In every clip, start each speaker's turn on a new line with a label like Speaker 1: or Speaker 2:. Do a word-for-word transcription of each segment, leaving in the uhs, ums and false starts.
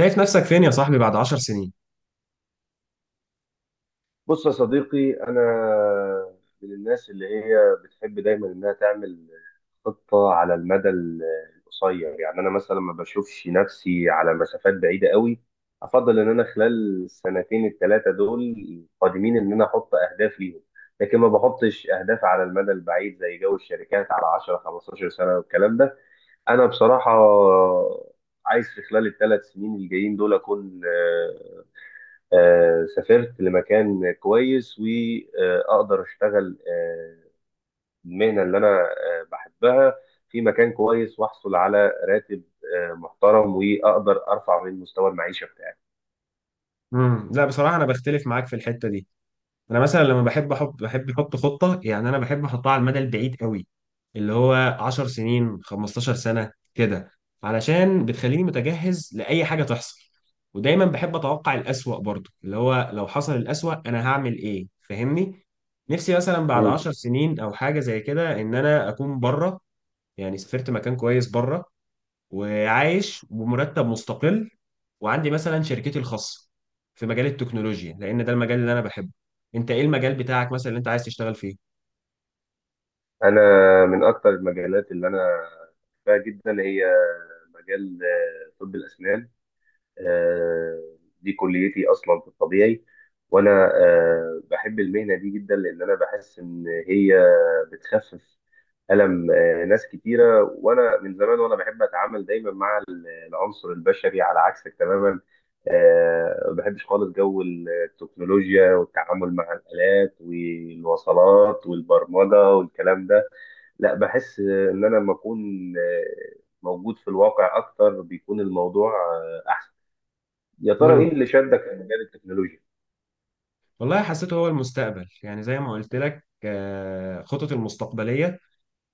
Speaker 1: شايف نفسك فين يا صاحبي بعد عشر سنين؟
Speaker 2: بص يا صديقي، أنا من الناس اللي هي بتحب دايما إنها تعمل خطة على المدى ال- القصير. يعني أنا مثلا ما بشوفش نفسي على مسافات بعيدة قوي. أفضل إن أنا خلال السنتين الثلاثة دول القادمين إن أنا أحط أهداف ليهم، لكن ما بحطش أهداف على المدى البعيد زي جو الشركات على عشرة خمستاشر سنة والكلام ده. أنا بصراحة عايز في خلال الثلاث سنين الجايين دول أكون آه، سافرت لمكان كويس، وأقدر أشتغل آه، المهنة اللي أنا آه، بحبها في مكان كويس، وأحصل على راتب آه، محترم، وأقدر أرفع من مستوى المعيشة بتاعي.
Speaker 1: امم لا بصراحة أنا بختلف معاك في الحتة دي، أنا مثلا لما بحب أحط بحب أحط خطة، يعني أنا بحب أحطها على المدى البعيد قوي، اللي هو عشر سنين خمستاشر سنة كده، علشان بتخليني متجهز لأي حاجة تحصل. ودايما بحب أتوقع الأسوأ برضه، اللي هو لو حصل الأسوأ أنا هعمل إيه؟ فاهمني؟ نفسي مثلا بعد
Speaker 2: مم.
Speaker 1: عشر سنين أو حاجة زي كده إن أنا أكون بره، يعني سافرت مكان كويس بره، وعايش بمرتب مستقل، وعندي مثلا شركتي الخاصة في مجال التكنولوجيا، لأن ده المجال اللي أنا بحبه. أنت إيه المجال بتاعك مثلا اللي أنت عايز تشتغل فيه؟
Speaker 2: أنا من أكتر المجالات اللي أنا بحبها جدا هي مجال آه، طب الأسنان. آه، دي كليتي اصلا في الطبيعي، وانا آه، بحب المهنه دي جدا، لان انا بحس ان هي بتخفف الم آه، ناس كتيره. وانا من زمان وانا بحب اتعامل دايما مع ال- العنصر البشري، على عكسك تماما. آه، ما بحبش خالص جو التكنولوجيا والتعامل مع الالات والوصلات والبرمجه والكلام ده. لا، بحس ان انا لما اكون آه، موجود في الواقع اكتر بيكون الموضوع آه، احسن. يا ترى
Speaker 1: مم.
Speaker 2: ايه اللي شدك لمجال التكنولوجيا؟
Speaker 1: والله حسيته هو المستقبل، يعني زي ما قلت لك، آه، خطط المستقبلية،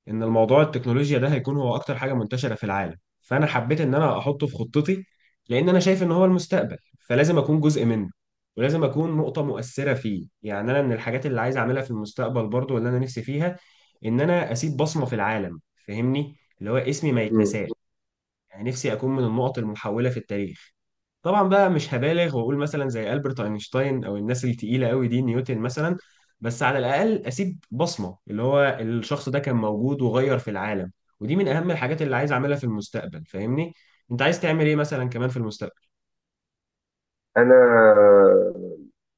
Speaker 1: ان الموضوع التكنولوجيا ده هيكون هو اكتر حاجه منتشره في العالم، فانا حبيت ان انا احطه في خطتي، لان انا شايف ان هو المستقبل، فلازم اكون جزء منه، ولازم اكون نقطه مؤثره فيه. يعني انا من الحاجات اللي عايز اعملها في المستقبل برضو، اللي انا نفسي فيها، ان انا اسيب بصمه في العالم، فاهمني؟ اللي هو اسمي ما
Speaker 2: مم.
Speaker 1: يتنساش. يعني نفسي اكون من النقط المحوله في التاريخ. طبعا بقى مش هبالغ واقول مثلا زي البرت اينشتاين او الناس التقيله قوي دي، نيوتن مثلا، بس على الاقل اسيب بصمه، اللي هو الشخص ده كان موجود وغير في العالم. ودي من اهم الحاجات اللي عايز اعملها في المستقبل، فاهمني؟ انت عايز تعمل ايه مثلا كمان في المستقبل؟
Speaker 2: انا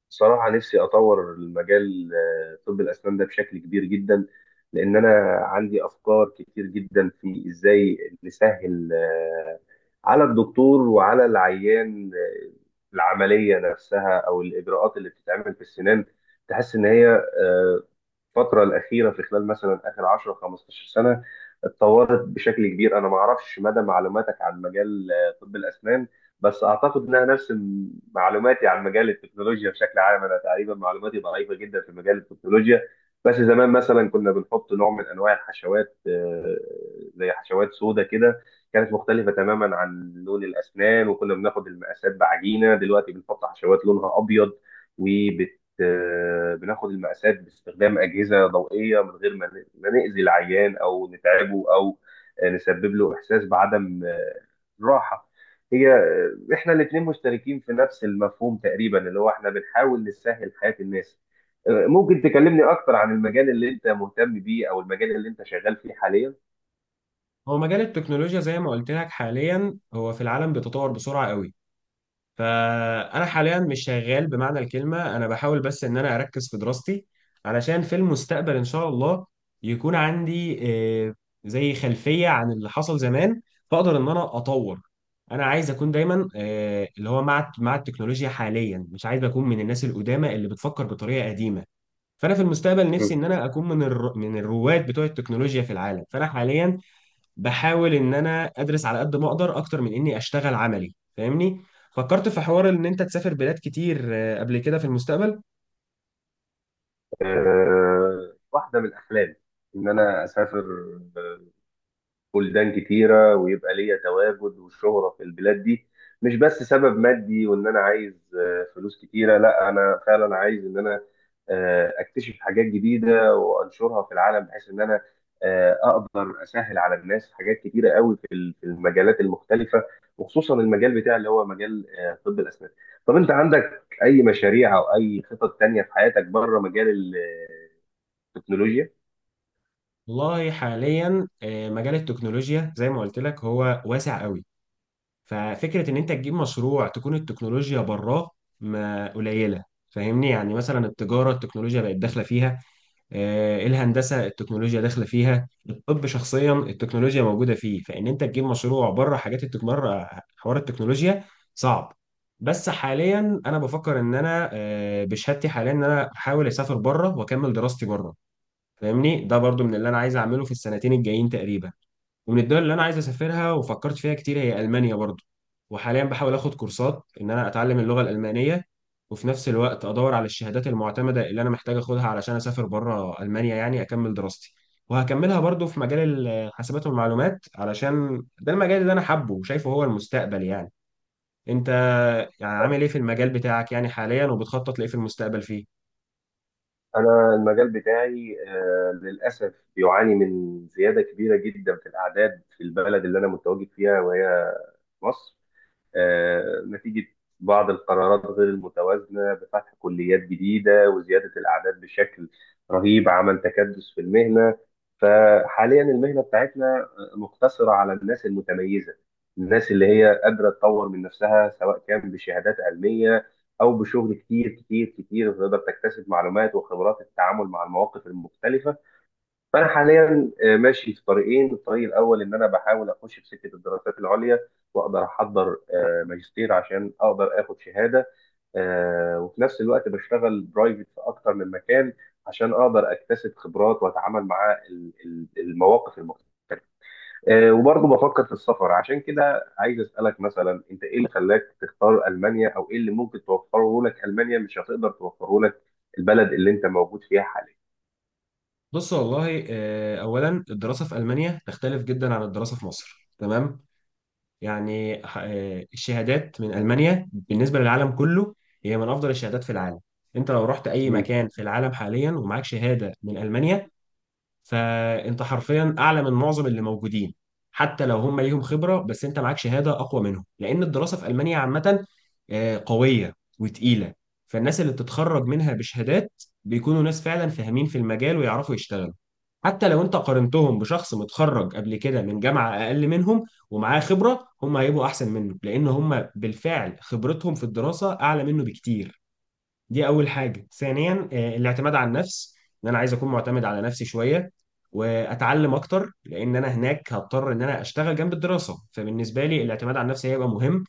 Speaker 2: صراحة نفسي اطور المجال آه، طب الاسنان ده بشكل كبير جدا، لان انا عندي افكار كتير جدا في ازاي نسهل آه، على الدكتور وعلى العيان آه، العملية نفسها او الاجراءات اللي بتتعمل في السنان. تحس ان هي آه، الفترة الأخيرة في خلال مثلا آخر عشرة خمستاشر سنة اتطورت بشكل كبير. أنا ما أعرفش مدى معلوماتك عن مجال آه، طب الأسنان، بس أعتقد إنها نفس م- معلوماتي عن مجال التكنولوجيا بشكل عام. أنا تقريبا معلوماتي ضعيفة جدا في مجال التكنولوجيا. بس زمان مثلا كنا بنحط نوع من أنواع الحشوات آه، زي حشوات سودا كده، كانت مختلفة تماما عن لون الأسنان، وكنا بناخد المقاسات بعجينة. دلوقتي بنحط حشوات لونها أبيض، وب آه، بناخد المقاسات باستخدام أجهزة ضوئية، من غير ما ن- ما نأذي العيان أو نتعبه أو آه، نسبب له إحساس بعدم آه، راحة. هي آه، إحنا الاتنين مشتركين في نفس المفهوم تقريبا، اللي هو إحنا بنحاول نسهل حياة الناس. آه، ممكن تكلمني أكتر عن المجال اللي أنت مهتم بيه، أو المجال اللي أنت شغال فيه حاليا؟
Speaker 1: هو مجال التكنولوجيا زي ما قلت لك حاليا هو في العالم بيتطور بسرعه قوي، فانا حاليا مش شغال بمعنى الكلمه، انا بحاول بس ان انا اركز في دراستي علشان في المستقبل ان شاء الله يكون عندي آه، زي خلفيه عن اللي حصل زمان، فاقدر ان انا اطور. انا عايز اكون دايما آه، اللي هو مع مع التكنولوجيا حاليا، مش عايز اكون من الناس القدامى اللي بتفكر بطريقه قديمه، فانا في المستقبل نفسي
Speaker 2: مم.
Speaker 1: ان انا اكون من الر... من الرواد بتوع التكنولوجيا في العالم. فانا حاليا بحاول ان انا ادرس على قد ما اقدر، اكتر من اني اشتغل عملي، فاهمني؟ فكرت في حوار ان انت تسافر بلاد كتير آه، قبل كده في المستقبل؟
Speaker 2: آه، واحدة من أحلامي إن أنا أسافر بلدان كتيرة، ويبقى ليا تواجد وشهرة في البلاد دي. مش بس سبب مادي، وإن أنا عايز آه، فلوس كتيرة، لا، أنا فعلا عايز إن أنا آه، أكتشف حاجات جديدة وأنشرها في العالم، بحيث إن أنا آه، أقدر أسهل على الناس حاجات كتيرة قوي في ال- في المجالات المختلفة، وخصوصا المجال بتاعي اللي هو مجال آه، طب الأسنان. طب أنت عندك أي مشاريع أو أي خطط تانية في حياتك بره مجال التكنولوجيا؟
Speaker 1: والله حاليا آه، مجال التكنولوجيا زي ما قلت لك هو واسع قوي، ففكرة ان انت تجيب مشروع تكون التكنولوجيا براه ما قليلة، فاهمني؟ يعني مثلا التجارة التكنولوجيا بقت داخلة فيها، آه، إيه، الهندسه التكنولوجيا داخله فيها، الطب شخصيا التكنولوجيا موجوده فيه، فان انت تجيب مشروع بره حاجات التكنولوجيا، حوار التكنولوجيا، صعب. بس حاليا انا بفكر ان انا آه، بشهادتي حاليا ان انا احاول اسافر بره واكمل دراستي بره، فاهمني؟ ده برضو من اللي انا عايز اعمله في السنتين الجايين تقريبا. ومن الدول اللي انا عايز اسافرها وفكرت فيها كتير هي المانيا برضو، وحاليا بحاول اخد كورسات ان انا اتعلم اللغه الالمانيه، وفي نفس الوقت ادور على الشهادات المعتمده اللي انا محتاج اخدها علشان اسافر بره المانيا، يعني اكمل دراستي، وهكملها برضو في مجال الحاسبات والمعلومات، علشان ده المجال اللي انا حابه وشايفه هو المستقبل يعني. انت يعني عامل ايه في المجال بتاعك يعني حاليا، وبتخطط لايه في المستقبل فيه؟
Speaker 2: أنا المجال بتاعي آه، للأسف بيعاني من زيادة كبيرة جدا في الأعداد في البلد اللي أنا متواجد فيها، وهي مصر. آه، نتيجة بعض القرارات غير المتوازنة بفتح كليات جديدة وزيادة الأعداد بشكل رهيب، عمل تكدس في المهنة. فحاليا المهنة بتاعتنا مقتصرة على الناس المتميزة، الناس اللي هي قادرة تطور من نفسها، سواء كان بشهادات علمية أو بشغل كتير كتير كتير تقدر تكتسب معلومات وخبرات التعامل مع المواقف المختلفة. فانا حاليا آه، ماشي في طريقين. الطريق الاول ان انا بحاول اخش في سكه الدراسات العليا، واقدر احضر آه، ماجستير عشان اقدر اخد شهاده. آه، وفي نفس الوقت بشتغل برايفت في اكتر من مكان عشان اقدر اكتسب خبرات واتعامل مع ال- ال- المواقف المختلفه. آه، وبرضه بفكر في السفر. عشان كده عايز اسالك مثلا، انت ايه اللي خلاك تختار المانيا؟ او ايه اللي ممكن توفره لك المانيا مش هتقدر توفره لك البلد اللي انت موجود فيها حاليا؟
Speaker 1: بص والله آه، اولا الدراسه في المانيا تختلف جدا عن الدراسه في مصر، تمام؟ يعني ح- آه، الشهادات من ألمانيا بالنسبة للعالم كله هي من أفضل الشهادات في العالم. أنت لو رحت أي
Speaker 2: مم.
Speaker 1: مكان في العالم حاليا ومعاك شهادة من ألمانيا، فأنت حرفيا أعلى من معظم اللي موجودين، حتى لو هم ليهم خبرة، بس أنت معاك شهادة أقوى منهم، لأن الدراسة في ألمانيا عامة آه، قوية وتقيلة، فالناس اللي بتتخرج منها بشهادات بيكونوا ناس فعلا فاهمين في المجال ويعرفوا يشتغلوا. حتى لو انت قارنتهم بشخص متخرج قبل كده من جامعة اقل منهم ومعاه خبرة، هم هيبقوا احسن منه، لان هم بالفعل خبرتهم في الدراسة اعلى منه بكتير. دي اول حاجة. ثانيا آه، الاعتماد على النفس، ان انا عايز اكون معتمد على نفسي شوية، واتعلم اكتر، لان انا هناك هضطر ان انا اشتغل جنب الدراسة، فبالنسبة لي الاعتماد على النفس هيبقى مهم.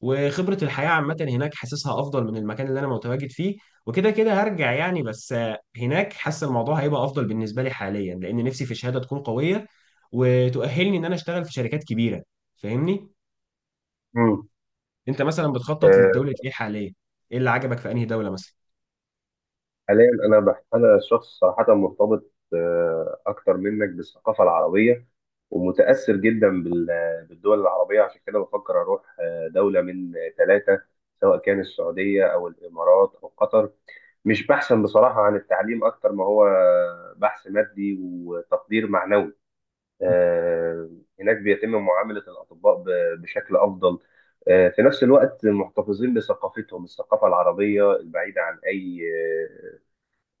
Speaker 1: وخبرة الحياة عامة هناك حاسسها أفضل من المكان اللي أنا متواجد فيه، وكده كده هرجع يعني، بس آه، هناك حاسس الموضوع هيبقى أفضل بالنسبة لي حاليا، لأن نفسي في شهادة تكون قوية وتؤهلني إن أنا أشتغل في شركات كبيرة، فاهمني؟
Speaker 2: مم.
Speaker 1: أنت مثلا بتخطط لدولة إيه حاليا؟ إيه اللي عجبك في أنهي دولة مثلا؟
Speaker 2: حاليا انا بح... انا شخص صراحه مرتبط آه، اكتر منك بالثقافه العربيه، ومتاثر جدا بال... بالدول العربيه. عشان كده بفكر اروح آه، دوله من ثلاثه، سواء كان السعوديه او الامارات او قطر. مش بحثا بصراحه عن التعليم، اكتر ما هو بحث مادي وتقدير معنوي. آه، هناك بيتم معامله الاطباء ب- بشكل افضل. آه، في نفس الوقت محتفظين بثقافتهم، الثقافة العربية البعيدة عن أي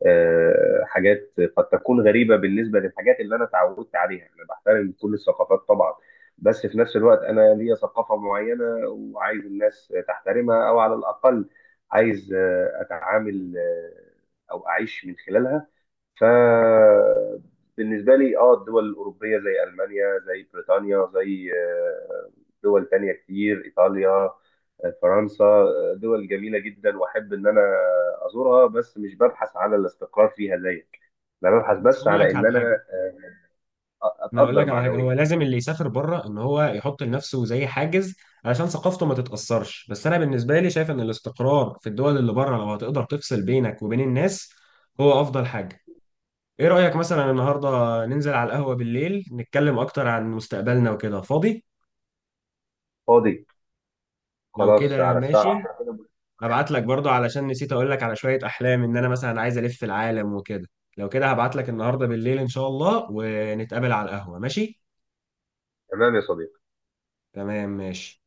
Speaker 2: آه، حاجات قد تكون غريبة بالنسبة للحاجات اللي أنا اتعودت عليها. أنا بحترم كل الثقافات طبعا، بس في نفس الوقت أنا ليا ثقافة معينة، وعايز الناس تحترمها، أو على الأقل عايز آه، أتعامل آه، أو أعيش من خلالها. فبالنسبة لي، اه الدول الأوروبية زي ألمانيا، زي بريطانيا، زي آه، دول تانية كتير، إيطاليا آه، فرنسا، آه، دول جميلة جدا وأحب إن أنا أزورها، بس مش ببحث على الاستقرار فيها زيك. أنا ببحث بس
Speaker 1: أقول
Speaker 2: على
Speaker 1: لك
Speaker 2: إن
Speaker 1: على
Speaker 2: أنا
Speaker 1: حاجة
Speaker 2: آه،
Speaker 1: أنا أقول
Speaker 2: أتقدر
Speaker 1: لك على حاجة، هو
Speaker 2: معنويا.
Speaker 1: لازم اللي يسافر بره إن هو يحط لنفسه زي حاجز علشان ثقافته ما تتأثرش، بس أنا بالنسبة لي شايف إن الاستقرار في الدول اللي بره، لو هتقدر تفصل بينك وبين الناس، هو أفضل حاجة. ايه رأيك مثلا النهارده ننزل على القهوة بالليل نتكلم اكتر عن مستقبلنا وكده؟ فاضي؟
Speaker 2: فاضي.
Speaker 1: لو
Speaker 2: خلاص
Speaker 1: كده
Speaker 2: على الساعة
Speaker 1: ماشي،
Speaker 2: عشرة كده.
Speaker 1: هبعت لك برضه علشان نسيت اقول لك على شوية احلام ان انا مثلا عايز الف العالم وكده. لو كده هبعت لك النهارده بالليل ان شاء الله ونتقابل على القهوة، ماشي؟
Speaker 2: تمام يا صديقي.
Speaker 1: تمام ماشي.